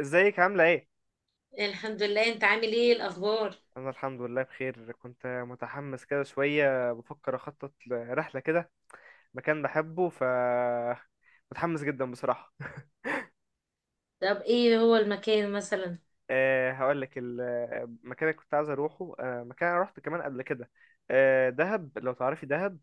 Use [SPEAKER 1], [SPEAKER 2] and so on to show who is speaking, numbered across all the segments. [SPEAKER 1] ازيك عاملة ايه؟
[SPEAKER 2] الحمد لله، انت عامل ايه الاخبار؟
[SPEAKER 1] أنا الحمد لله بخير. كنت متحمس كده شوية، بفكر أخطط لرحلة كده، مكان بحبه. متحمس جدا بصراحة.
[SPEAKER 2] طب ايه هو المكان مثلا؟
[SPEAKER 1] أه، هقولك المكان اللي كنت عايز أروحه. مكان أنا روحته كمان قبل كده. أه، دهب. لو تعرفي دهب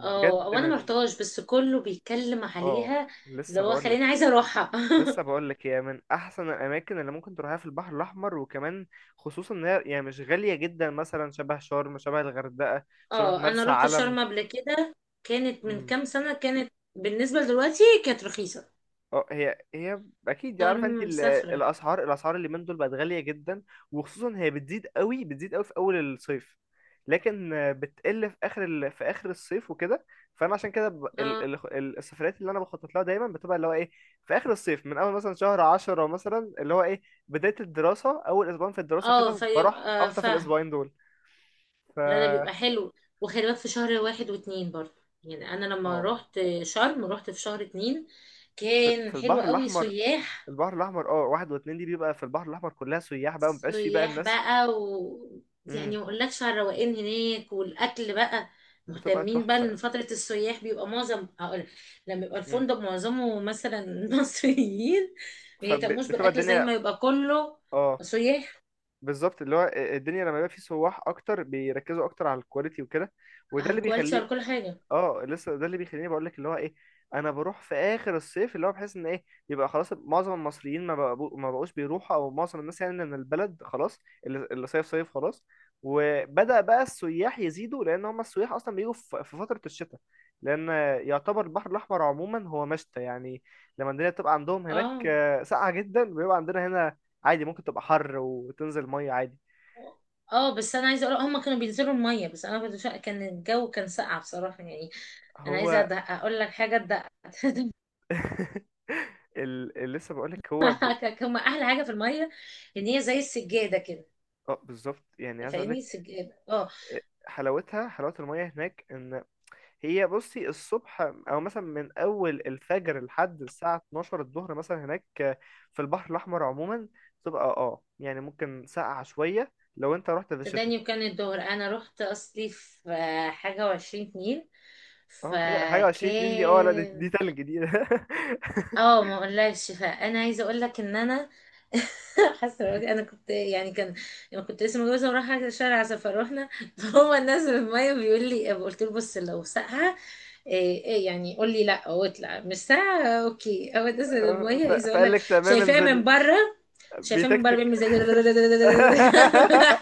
[SPEAKER 2] اه، وانا ما رحتهاش بس كله بيتكلم
[SPEAKER 1] اه.
[SPEAKER 2] عليها. اللي
[SPEAKER 1] لسه
[SPEAKER 2] هو
[SPEAKER 1] بقولك
[SPEAKER 2] خليني عايزه اروحها.
[SPEAKER 1] لسه بقولك هي من أحسن الأماكن اللي ممكن تروحها في البحر الأحمر، وكمان خصوصا إن هي يعني مش غالية جدا، مثلا شبه شرم، شبه الغردقة، شبه
[SPEAKER 2] اه، انا
[SPEAKER 1] مرسى
[SPEAKER 2] رحت
[SPEAKER 1] علم.
[SPEAKER 2] شرم قبل كده. كانت من كام سنه، كانت بالنسبه لدلوقتي كانت رخيصه.
[SPEAKER 1] اه، هي اكيد عارفه انت
[SPEAKER 2] شرم مسافره.
[SPEAKER 1] الاسعار اللي من دول بقت غاليه جدا. وخصوصا هي بتزيد قوي في اول الصيف، لكن بتقل في في اخر الصيف وكده. فانا عشان كده ب... ال...
[SPEAKER 2] اه،
[SPEAKER 1] ال... ال- السفريات اللي انا بخطط لها دايما بتبقى اللي هو ايه، في اخر الصيف، من اول مثلا شهر 10 مثلا، اللي هو ايه، بدايه الدراسه، اول اسبوعين في الدراسه
[SPEAKER 2] اه،
[SPEAKER 1] كده بروح
[SPEAKER 2] فيبقى
[SPEAKER 1] اخطف
[SPEAKER 2] فاهم.
[SPEAKER 1] الاسبوعين دول. ف
[SPEAKER 2] لا، ده بيبقى حلو. وخلي بالك في شهر واحد واتنين برضه، يعني انا لما
[SPEAKER 1] اه،
[SPEAKER 2] رحت شرم رحت في شهر اتنين.
[SPEAKER 1] في
[SPEAKER 2] كان حلو
[SPEAKER 1] البحر
[SPEAKER 2] قوي،
[SPEAKER 1] الاحمر.
[SPEAKER 2] سياح.
[SPEAKER 1] البحر الاحمر، اه، واحد واتنين دي بيبقى في البحر الاحمر كلها سياح بقى، مبقاش فيه بقى
[SPEAKER 2] سياح
[SPEAKER 1] الناس.
[SPEAKER 2] بقى، و يعني
[SPEAKER 1] إمم.
[SPEAKER 2] ما اقولكش على الروقان هناك والاكل بقى.
[SPEAKER 1] بتبقى
[SPEAKER 2] مهتمين بقى ان
[SPEAKER 1] تحفة.
[SPEAKER 2] فترة السياح بيبقى معظم، هقول لما يبقى
[SPEAKER 1] مم.
[SPEAKER 2] الفندق معظمه مثلا مصريين ما يهتموش
[SPEAKER 1] فبتبقى
[SPEAKER 2] بالاكل زي
[SPEAKER 1] الدنيا.
[SPEAKER 2] ما يبقى كله
[SPEAKER 1] اه،
[SPEAKER 2] سياح
[SPEAKER 1] بالظبط، اللي هو الدنيا لما يبقى فيه سواح اكتر بيركزوا اكتر على الكواليتي وكده. وده
[SPEAKER 2] على
[SPEAKER 1] اللي
[SPEAKER 2] الكواليتي
[SPEAKER 1] بيخليه.
[SPEAKER 2] وعلى كل حاجة.
[SPEAKER 1] اه، لسه ده اللي بيخليني بقول لك اللي هو ايه، انا بروح في اخر الصيف، اللي هو بحس ان ايه، يبقى خلاص معظم المصريين ما بقوش بيروحوا، او معظم الناس يعني من البلد خلاص. اللي صيف صيف خلاص، وبدأ بقى السياح يزيدوا، لان هم السياح اصلا بيجوا في فترة الشتاء. لان يعتبر البحر الاحمر عموما هو مشتى يعني. لما الدنيا بتبقى عندهم هناك
[SPEAKER 2] اه،
[SPEAKER 1] ساقعة جدا، بيبقى عندنا هنا عادي، ممكن تبقى حر وتنزل مية عادي.
[SPEAKER 2] اه، بس انا عايزه اقول هم كانوا بينزلوا الميه، بس انا كنت كان الجو كان ساقع بصراحه يعني. انا
[SPEAKER 1] هو
[SPEAKER 2] عايزه اقول لك حاجه.
[SPEAKER 1] اللي لسه بقولك
[SPEAKER 2] تدققك. هم احلى حاجه في الميه ان هي زي السجاده كده.
[SPEAKER 1] اه، بالظبط، يعني عايز اقولك
[SPEAKER 2] فاهمني؟ سجاد، اه.
[SPEAKER 1] حلاوة المية هناك ان هي، بصي، الصبح او مثلا من اول الفجر لحد الساعة 12 الظهر مثلا، هناك في البحر الاحمر عموما، تبقى يعني ممكن ساقعة شوية لو انت رحت في الشتاء.
[SPEAKER 2] تداني، وكان الظهر انا رحت اصلي في حاجة وعشرين اتنين،
[SPEAKER 1] اه، حاجة 20 اتنين دي، اه لا، دي
[SPEAKER 2] فكان.
[SPEAKER 1] تلج دي.
[SPEAKER 2] اه، ما اقولكش، فانا عايزه اقول لك ان انا حاسه دلوقتي انا كنت يعني، كان انا كنت لسه متجوزه ورايحه شارع سفر، رحنا فهو نازل الميه بيقول لي، قلت له بص لو ساقعه إيه إيه، يعني قول لي لا واطلع مش ساقعه، اوكي، هو نازل الميه عايزه اقول
[SPEAKER 1] فقال
[SPEAKER 2] لك.
[SPEAKER 1] لك تمام
[SPEAKER 2] شايفاه من
[SPEAKER 1] انزلي.
[SPEAKER 2] بره، شايفاه من بره
[SPEAKER 1] بيتكتك.
[SPEAKER 2] بيعمل زي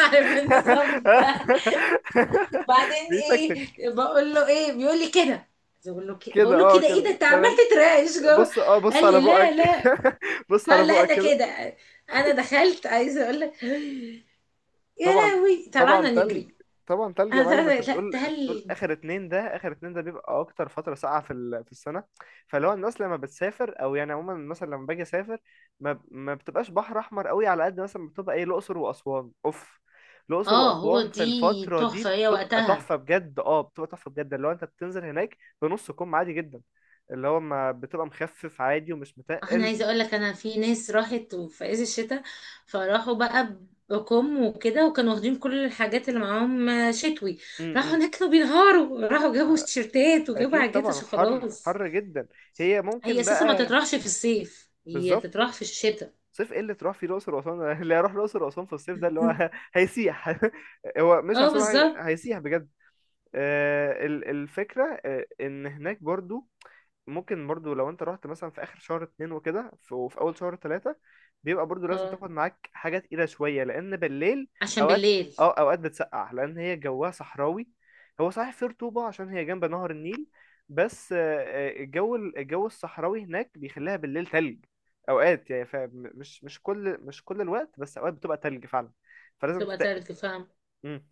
[SPEAKER 2] عارف النظام ده؟ وبعدين ايه،
[SPEAKER 1] بيتكتك
[SPEAKER 2] بقول له ايه، بيقول لي كده. بقول له كده،
[SPEAKER 1] كده.
[SPEAKER 2] بقول له كده، ايه ده انت عمال
[SPEAKER 1] تمام.
[SPEAKER 2] تترعش جوه؟
[SPEAKER 1] بص، بص
[SPEAKER 2] قال
[SPEAKER 1] على
[SPEAKER 2] لي لا،
[SPEAKER 1] بقك.
[SPEAKER 2] لا.
[SPEAKER 1] بص
[SPEAKER 2] اه،
[SPEAKER 1] على
[SPEAKER 2] لا
[SPEAKER 1] بقك
[SPEAKER 2] ده
[SPEAKER 1] كده.
[SPEAKER 2] كده. انا دخلت عايزه اقول لك. يا
[SPEAKER 1] طبعا،
[SPEAKER 2] لهوي،
[SPEAKER 1] طبعا
[SPEAKER 2] طلعنا نجري.
[SPEAKER 1] تلج. طبعا تلج يا
[SPEAKER 2] انا
[SPEAKER 1] معلم. انت
[SPEAKER 2] لا،
[SPEAKER 1] بتقول،
[SPEAKER 2] تلج.
[SPEAKER 1] اخر اتنين ده، بيبقى اكتر فتره ساقعه في السنه. فلو الناس لما بتسافر، او يعني عموما مثلا لما باجي اسافر، ما بتبقاش بحر احمر قوي على قد مثلا بتبقى ايه، الاقصر واسوان. اوف، الاقصر
[SPEAKER 2] اه، هو
[SPEAKER 1] واسوان في
[SPEAKER 2] دي
[SPEAKER 1] الفتره دي
[SPEAKER 2] تحفة هي وقتها.
[SPEAKER 1] بتبقى تحفه بجد اللي هو انت بتنزل هناك بنص كم عادي جدا، اللي هو ما بتبقى مخفف، عادي ومش
[SPEAKER 2] انا
[SPEAKER 1] متقل.
[SPEAKER 2] عايزة اقول لك، انا في ناس راحت في عز الشتاء، فراحوا بقى، بكم وكده، وكانوا واخدين كل الحاجات اللي معاهم شتوي.
[SPEAKER 1] م-
[SPEAKER 2] راحوا
[SPEAKER 1] م.
[SPEAKER 2] هناك كانوا بينهاروا، راحوا جابوا تيشيرتات وجابوا
[SPEAKER 1] اكيد
[SPEAKER 2] حاجات
[SPEAKER 1] طبعا،
[SPEAKER 2] عشان
[SPEAKER 1] حر،
[SPEAKER 2] خلاص.
[SPEAKER 1] حر جدا. هي
[SPEAKER 2] هي
[SPEAKER 1] ممكن
[SPEAKER 2] اساسا ما
[SPEAKER 1] بقى،
[SPEAKER 2] تطرحش في الصيف، هي
[SPEAKER 1] بالظبط.
[SPEAKER 2] تطرح في الشتاء.
[SPEAKER 1] صيف ايه اللي تروح فيه الاقصر واسوان؟ اللي هيروح الاقصر واسوان في الصيف ده اللي هو هيسيح. هو مش
[SPEAKER 2] اه،
[SPEAKER 1] عشان
[SPEAKER 2] بالظبط.
[SPEAKER 1] هيسيح بجد. الفكرة إن هناك برضو، ممكن برضو لو أنت رحت مثلا في آخر شهر اتنين وكده، وفي أول شهر تلاتة، بيبقى برضو لازم
[SPEAKER 2] اه،
[SPEAKER 1] تاخد معاك حاجة تقيلة شوية، لأن بالليل
[SPEAKER 2] عشان
[SPEAKER 1] أوقات
[SPEAKER 2] بالليل
[SPEAKER 1] أوقات بتسقع، لأن هي جواها صحراوي. هو صحيح فيه رطوبة عشان هي جنب نهر النيل، بس الجو الصحراوي هناك بيخليها بالليل تلج أوقات يعني. مش كل الوقت، بس أوقات بتبقى تلج فعلا، فلازم
[SPEAKER 2] بتبقى
[SPEAKER 1] تتقل.
[SPEAKER 2] تلج، فاهم.
[SPEAKER 1] مم.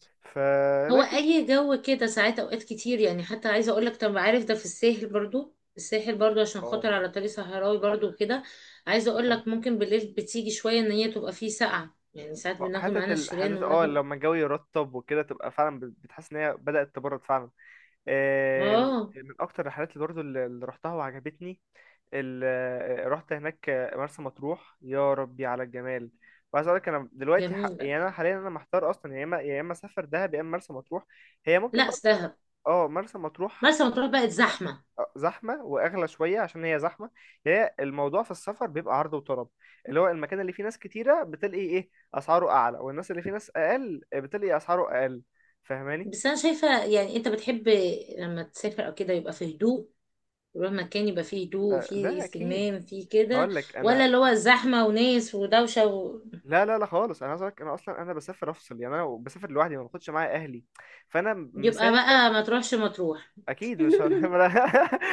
[SPEAKER 2] هو
[SPEAKER 1] فلكن،
[SPEAKER 2] اي جو كده ساعات، اوقات كتير يعني، حتى عايزه اقول لك، طب عارف ده في الساحل برضو، الساحل برضو عشان
[SPEAKER 1] اه،
[SPEAKER 2] خاطر على طريق صحراوي برضو كده. عايزه اقول لك، ممكن بالليل بتيجي شويه ان هي تبقى فيه ساقعه، يعني ساعات بناخد معانا الشيران
[SPEAKER 1] حتة،
[SPEAKER 2] وبناخد.
[SPEAKER 1] لما الجو يرطب وكده تبقى فعلا بتحس ان هي بدأت تبرد فعلا.
[SPEAKER 2] اه،
[SPEAKER 1] من اكتر الرحلات اللي برضو، اللي رحتها وعجبتني، ال... آه، رحت هناك مرسى مطروح. يا ربي على الجمال! وعايز اقول لك انا دلوقتي،
[SPEAKER 2] جميله.
[SPEAKER 1] يعني انا حاليا انا محتار اصلا، يا اما يا اما اسافر دهب، يا اما مرسى مطروح. هي ممكن
[SPEAKER 2] لا،
[SPEAKER 1] مرسى،
[SPEAKER 2] دهب.
[SPEAKER 1] اه، مرسى مطروح
[SPEAKER 2] مرسى مطروح بقت زحمه.
[SPEAKER 1] زحمه واغلى شويه عشان هي زحمه. هي الموضوع في السفر بيبقى عرض وطلب، اللي هو المكان اللي فيه ناس كتيره بتلاقي ايه، اسعاره اعلى، والناس اللي فيه ناس اقل بتلاقي اسعاره اقل. فاهماني؟
[SPEAKER 2] بس انا شايفه، يعني انت بتحب لما تسافر او كده يبقى في هدوء، تروح مكان يبقى فيه هدوء،
[SPEAKER 1] أه،
[SPEAKER 2] فيه
[SPEAKER 1] لا اكيد.
[SPEAKER 2] استجمام، فيه كده.
[SPEAKER 1] هقول لك
[SPEAKER 2] ولا
[SPEAKER 1] انا،
[SPEAKER 2] اللي هو زحمة وناس ودوشة
[SPEAKER 1] لا لا لا خالص، انا عايز أقولك انا اصلا انا بسافر افصل، يعني انا بسافر لوحدي، ما باخدش معايا اهلي. فانا
[SPEAKER 2] يبقى
[SPEAKER 1] مسافر
[SPEAKER 2] بقى ما تروحش مطروح.
[SPEAKER 1] اكيد. مش هر...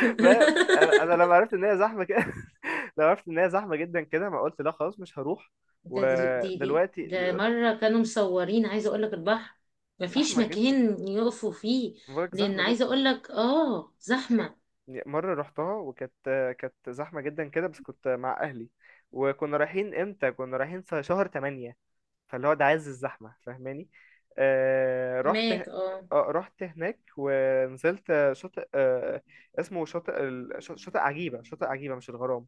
[SPEAKER 1] ما- انا لما عرفت ان هي زحمه كده، لما عرفت ان هي زحمه جدا كده، ما قلت لا خلاص مش هروح.
[SPEAKER 2] ده دي, دي, دي
[SPEAKER 1] ودلوقتي
[SPEAKER 2] ده مرة كانوا مصورين، عايزة اقول لك البحر مفيش
[SPEAKER 1] زحمه جدا.
[SPEAKER 2] مكان يقفوا فيه.
[SPEAKER 1] بقولك
[SPEAKER 2] لان
[SPEAKER 1] زحمة جدا.
[SPEAKER 2] عايزة اقول لك، اه زحمة.
[SPEAKER 1] مرة رحتها وكانت كانت زحمة جدا كده، بس كنت مع أهلي، وكنا رايحين امتى؟ كنا رايحين في شهر تمانية، فاللي هو ده عز الزحمة. فاهماني؟ آه رحت ه-
[SPEAKER 2] هناك، اه،
[SPEAKER 1] آه، رحت هناك ونزلت شاطئ، اسمه شاطئ شاطئ عجيبة، مش الغرام.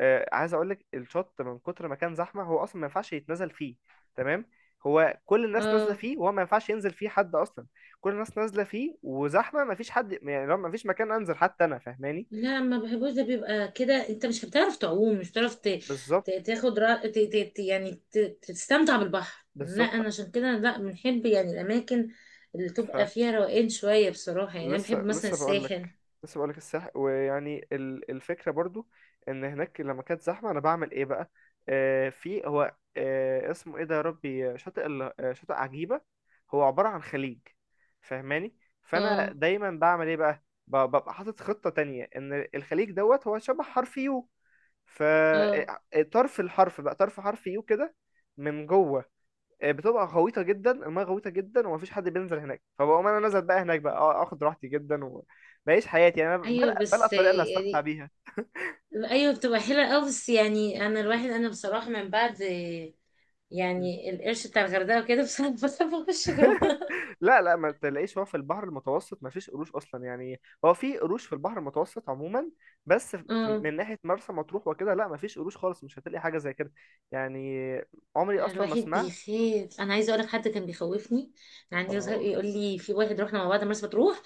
[SPEAKER 1] عايز اقول لك الشط من كتر ما كان زحمه هو اصلا ما ينفعش يتنزل فيه. تمام؟ هو كل الناس نازله
[SPEAKER 2] اه،
[SPEAKER 1] فيه، وهو ما ينفعش ينزل فيه حد اصلا. كل الناس نازله فيه، وزحمه، ما فيش حد. يعني لو ما فيش مكان انزل حتى انا، فاهماني؟
[SPEAKER 2] لا، ما بحبوش ده بيبقى كده، انت مش بتعرف تعوم، مش بتعرف
[SPEAKER 1] بالظبط.
[SPEAKER 2] تاخد را... ت... ت... ت- يعني تستمتع بالبحر. لا،
[SPEAKER 1] بالظبط.
[SPEAKER 2] انا عشان كده لا بنحب يعني الاماكن اللي تبقى فيها روقان شوية بصراحة، يعني انا بحب
[SPEAKER 1] لسه
[SPEAKER 2] مثلا
[SPEAKER 1] لسه بقول
[SPEAKER 2] الساحل.
[SPEAKER 1] لك. لسه بقول لك الفكره برضو، ان هناك لما كانت زحمه انا بعمل ايه بقى؟ في هو، اسمه ايه ده يا ربي؟ شاطئ ال- آه، شاطئ عجيبه، هو عباره عن خليج، فاهماني؟ فانا
[SPEAKER 2] اه،
[SPEAKER 1] دايما بعمل ايه بقى؟ ببقى حاطط خطه تانية، ان الخليج دوت هو شبه حرف يو،
[SPEAKER 2] اه،
[SPEAKER 1] فطرف الحرف بقى، طرف حرف يو كده من جوه، بتبقى غويطه جدا، المايه غويطه جدا، ومفيش حد بينزل هناك. فبقوم انا نازل بقى هناك بقى، اخد راحتي جدا وبعيش حياتي. يعني انا
[SPEAKER 2] ايوه،
[SPEAKER 1] بلقى،
[SPEAKER 2] بس
[SPEAKER 1] الطريقه اللي هستمتع
[SPEAKER 2] يعني،
[SPEAKER 1] بيها.
[SPEAKER 2] ايوه بتبقى حلوة قوي، بس يعني انا الواحد انا بصراحة من بعد
[SPEAKER 1] مم.
[SPEAKER 2] يعني القرش بتاع الغردقة وكده، بصراحة بخاف اخش جوه.
[SPEAKER 1] لا لا، ما تلاقيش. هو في البحر المتوسط ما فيش قروش اصلا، يعني هو في قروش في البحر المتوسط عموما، بس في
[SPEAKER 2] اه،
[SPEAKER 1] من ناحيه مرسى مطروح وكده لا، ما فيش قروش خالص، مش هتلاقي حاجه زي كده يعني. عمري
[SPEAKER 2] أنا
[SPEAKER 1] اصلا ما
[SPEAKER 2] الواحد
[SPEAKER 1] سمعت.
[SPEAKER 2] بيخاف، انا عايزه اقول لك حد كان بيخوفني. كان عندي يظهر
[SPEAKER 1] اه.
[SPEAKER 2] يقول لي، في واحد رحنا مع بعض مرسى مطروح،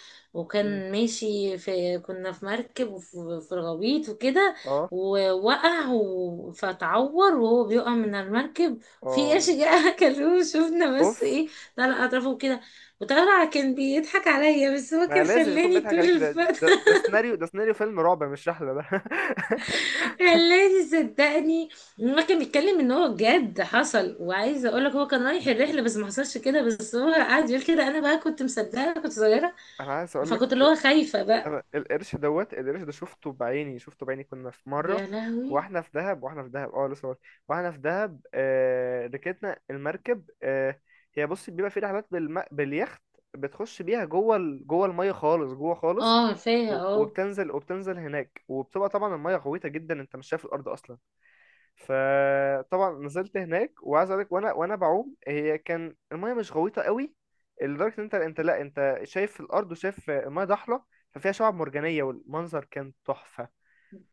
[SPEAKER 1] مم.
[SPEAKER 2] وكان ماشي في كنا في مركب وفي الغويط وكده.
[SPEAKER 1] اه.
[SPEAKER 2] ووقع فتعور وهو بيقع من المركب، في قرش
[SPEAKER 1] اه.
[SPEAKER 2] جه اكلوه، شفنا بس
[SPEAKER 1] اوف.
[SPEAKER 2] ايه. طلع اطرافه كده. وطلع كان بيضحك عليا، بس هو
[SPEAKER 1] ما
[SPEAKER 2] كان
[SPEAKER 1] لازم يكون
[SPEAKER 2] خلاني
[SPEAKER 1] بيضحك
[SPEAKER 2] طول
[SPEAKER 1] عليك ده.
[SPEAKER 2] الفترة.
[SPEAKER 1] ده سيناريو، سيناريو فيلم رعب، مش رحلة ده.
[SPEAKER 2] خلاني، صدقني. ما كان بيتكلم ان هو جد حصل، وعايزه اقول لك هو كان رايح الرحله بس ما حصلش كده، بس هو قعد يقول كده، انا بقى كنت مصدقه، كنت صغيره.
[SPEAKER 1] انا عايز اقول
[SPEAKER 2] فكنت اللي هو
[SPEAKER 1] لك
[SPEAKER 2] خايفه بقى.
[SPEAKER 1] انا، القرش ده شفته بعيني، شفته بعيني. كنا في
[SPEAKER 2] يا
[SPEAKER 1] مرة،
[SPEAKER 2] لهوي!
[SPEAKER 1] واحنا في دهب، واحنا في دهب ركبنا المركب. هي بص، بيبقى في رحلات باليخت، بتخش بيها جوه جوه المية خالص، جوه خالص،
[SPEAKER 2] اه، عارفاها، اه.
[SPEAKER 1] وبتنزل هناك. وبتبقى طبعا المية غويطة جدا، انت مش شايف الارض اصلا. فطبعا نزلت هناك، وعايز اقول لك، وانا، بعوم، هي كان المايه مش غويطه قوي، لدرجه ان انت، لا انت شايف الارض وشايف المايه ضحله، ففيها شعاب مرجانيه، والمنظر كان تحفه،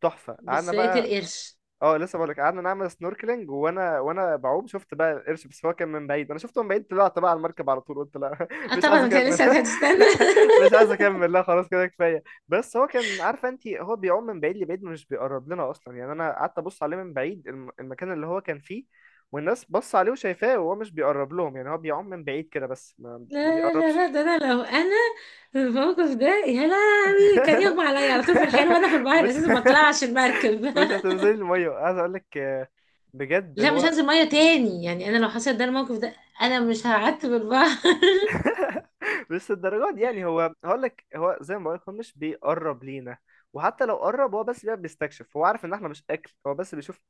[SPEAKER 1] تحفه. قعدنا
[SPEAKER 2] بس لقيت
[SPEAKER 1] بقى،
[SPEAKER 2] القرش؟
[SPEAKER 1] اه لسه بقولك، قعدنا نعمل سنوركلينج، وانا، بعوم، شفت بقى القرش. بس هو كان من بعيد، انا شفته من بعيد، طلعت بقى على المركب على طول. قلت لا،
[SPEAKER 2] اه
[SPEAKER 1] مش عايز
[SPEAKER 2] طبعا، انت
[SPEAKER 1] اكمل.
[SPEAKER 2] لسه هتستنى.
[SPEAKER 1] مش عايز اكمل، لا خلاص كده كفايه. بس هو، كان عارفه انت، هو بيعوم من بعيد لبعيد، مش بيقرب لنا اصلا. يعني انا قعدت ابص عليه من بعيد، المكان اللي هو كان فيه، والناس بص عليه وشايفاه، وهو مش بيقرب لهم. يعني هو بيعوم من بعيد كده، بس ما
[SPEAKER 2] لا، لا،
[SPEAKER 1] بيقربش.
[SPEAKER 2] لا، لا، ده انا لو انا في الموقف ده، يا لهوي، كان يغمى عليا على طول في الحال، وانا في البحر
[SPEAKER 1] مش
[SPEAKER 2] اساسا ما اطلعش المركب.
[SPEAKER 1] مش هتنزلي الميه، عايز اقول لك بجد،
[SPEAKER 2] لا، مش
[SPEAKER 1] هو
[SPEAKER 2] هنزل ميه تاني، يعني انا لو حصل ده الموقف ده انا مش هقعدت في البحر.
[SPEAKER 1] بس الدرجات دي، يعني هو هقول لك، هو زي ما بقول لك، هو مش بيقرب لينا، وحتى لو قرب، هو بس بيبقى بيستكشف، هو عارف ان احنا مش اكل، هو بس بيشوف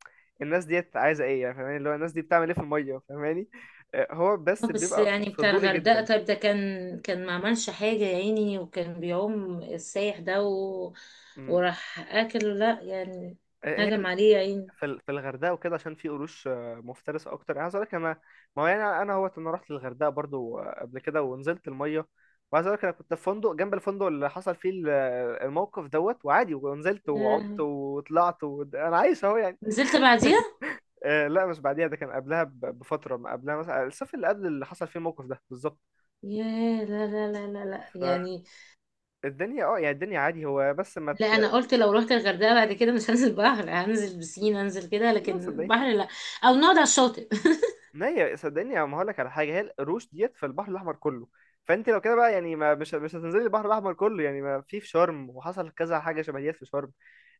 [SPEAKER 1] الناس ديت عايزه ايه يعني. فاهماني؟ اللي هو، الناس دي بتعمل ايه في الميه؟ فاهماني؟ هو بس
[SPEAKER 2] بس
[SPEAKER 1] بيبقى
[SPEAKER 2] يعني بتاع
[SPEAKER 1] فضولي
[SPEAKER 2] الغردقة،
[SPEAKER 1] جدا.
[SPEAKER 2] طيب ده كان ما عملش حاجة يا عيني، وكان بيعوم السايح ده
[SPEAKER 1] مم.
[SPEAKER 2] وراح اكله، لا يعني
[SPEAKER 1] آه، هي
[SPEAKER 2] هجم عليه يا عيني.
[SPEAKER 1] في الغردقه وكده، عشان في قروش مفترسه اكتر. يعني عايز اقول لك انا، ما هو يعني انا، هوت، انا رحت الغردقه برضو قبل كده، ونزلت الميه. وعايز اقول لك انا كنت في فندق جنب الفندق اللي حصل فيه الموقف دوت، وعادي ونزلت
[SPEAKER 2] يا
[SPEAKER 1] وعمت
[SPEAKER 2] لهوي،
[SPEAKER 1] وطلعت، انا عايش اهو يعني.
[SPEAKER 2] نزلت بعديها؟
[SPEAKER 1] لا مش بعديها، ده كان قبلها بفتره، ما قبلها مثلا الصيف اللي قبل اللي حصل فيه الموقف ده بالظبط.
[SPEAKER 2] يا لا، لا، لا، لا، لا، يعني
[SPEAKER 1] فالدنيا، اه يعني الدنيا عادي، هو بس ما ت...
[SPEAKER 2] لا، انا قلت لو رحت الغردقة بعد كده مش هنزل بحر، هنزل بسين، هنزل كده،
[SPEAKER 1] لا
[SPEAKER 2] لكن
[SPEAKER 1] صدقني،
[SPEAKER 2] بحر لا. او نقعد على الشاطئ.
[SPEAKER 1] ما هي صدقني، ما هقول لك على حاجه، هي القروش ديت في البحر الاحمر كله. فانت لو كده بقى يعني، ما مش هتنزلي البحر الاحمر كله يعني، ما في في شرم وحصل كذا حاجه شبه ديت في شرم.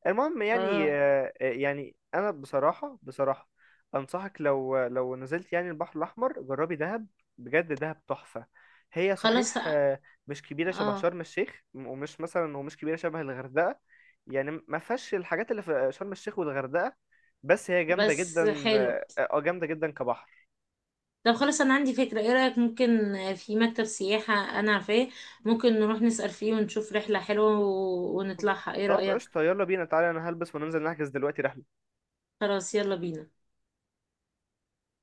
[SPEAKER 1] المهم يعني،
[SPEAKER 2] اه،
[SPEAKER 1] انا بصراحه، بصراحه انصحك، لو نزلت يعني البحر الاحمر، جربي دهب. بجد دهب تحفه. هي
[SPEAKER 2] خلاص،
[SPEAKER 1] صحيح مش كبيره شبه
[SPEAKER 2] اه،
[SPEAKER 1] شرم الشيخ، ومش مثلا، ومش كبيره شبه الغردقه، يعني ما فيهاش الحاجات اللي في شرم الشيخ والغردقه، بس هي جامده
[SPEAKER 2] بس
[SPEAKER 1] جدا.
[SPEAKER 2] حلو.
[SPEAKER 1] جامده جدا كبحر.
[SPEAKER 2] طب خلاص، انا عندي فكرة، ايه رأيك ممكن في مكتب سياحة؟ انا عارفاه. ممكن نروح نسأل فيه ونشوف رحلة حلوة ونطلعها، ايه
[SPEAKER 1] طب
[SPEAKER 2] رأيك؟
[SPEAKER 1] قشطة، يلا بينا تعالى، انا هلبس وننزل نحجز دلوقتي رحلة.
[SPEAKER 2] خلاص، يلا بينا.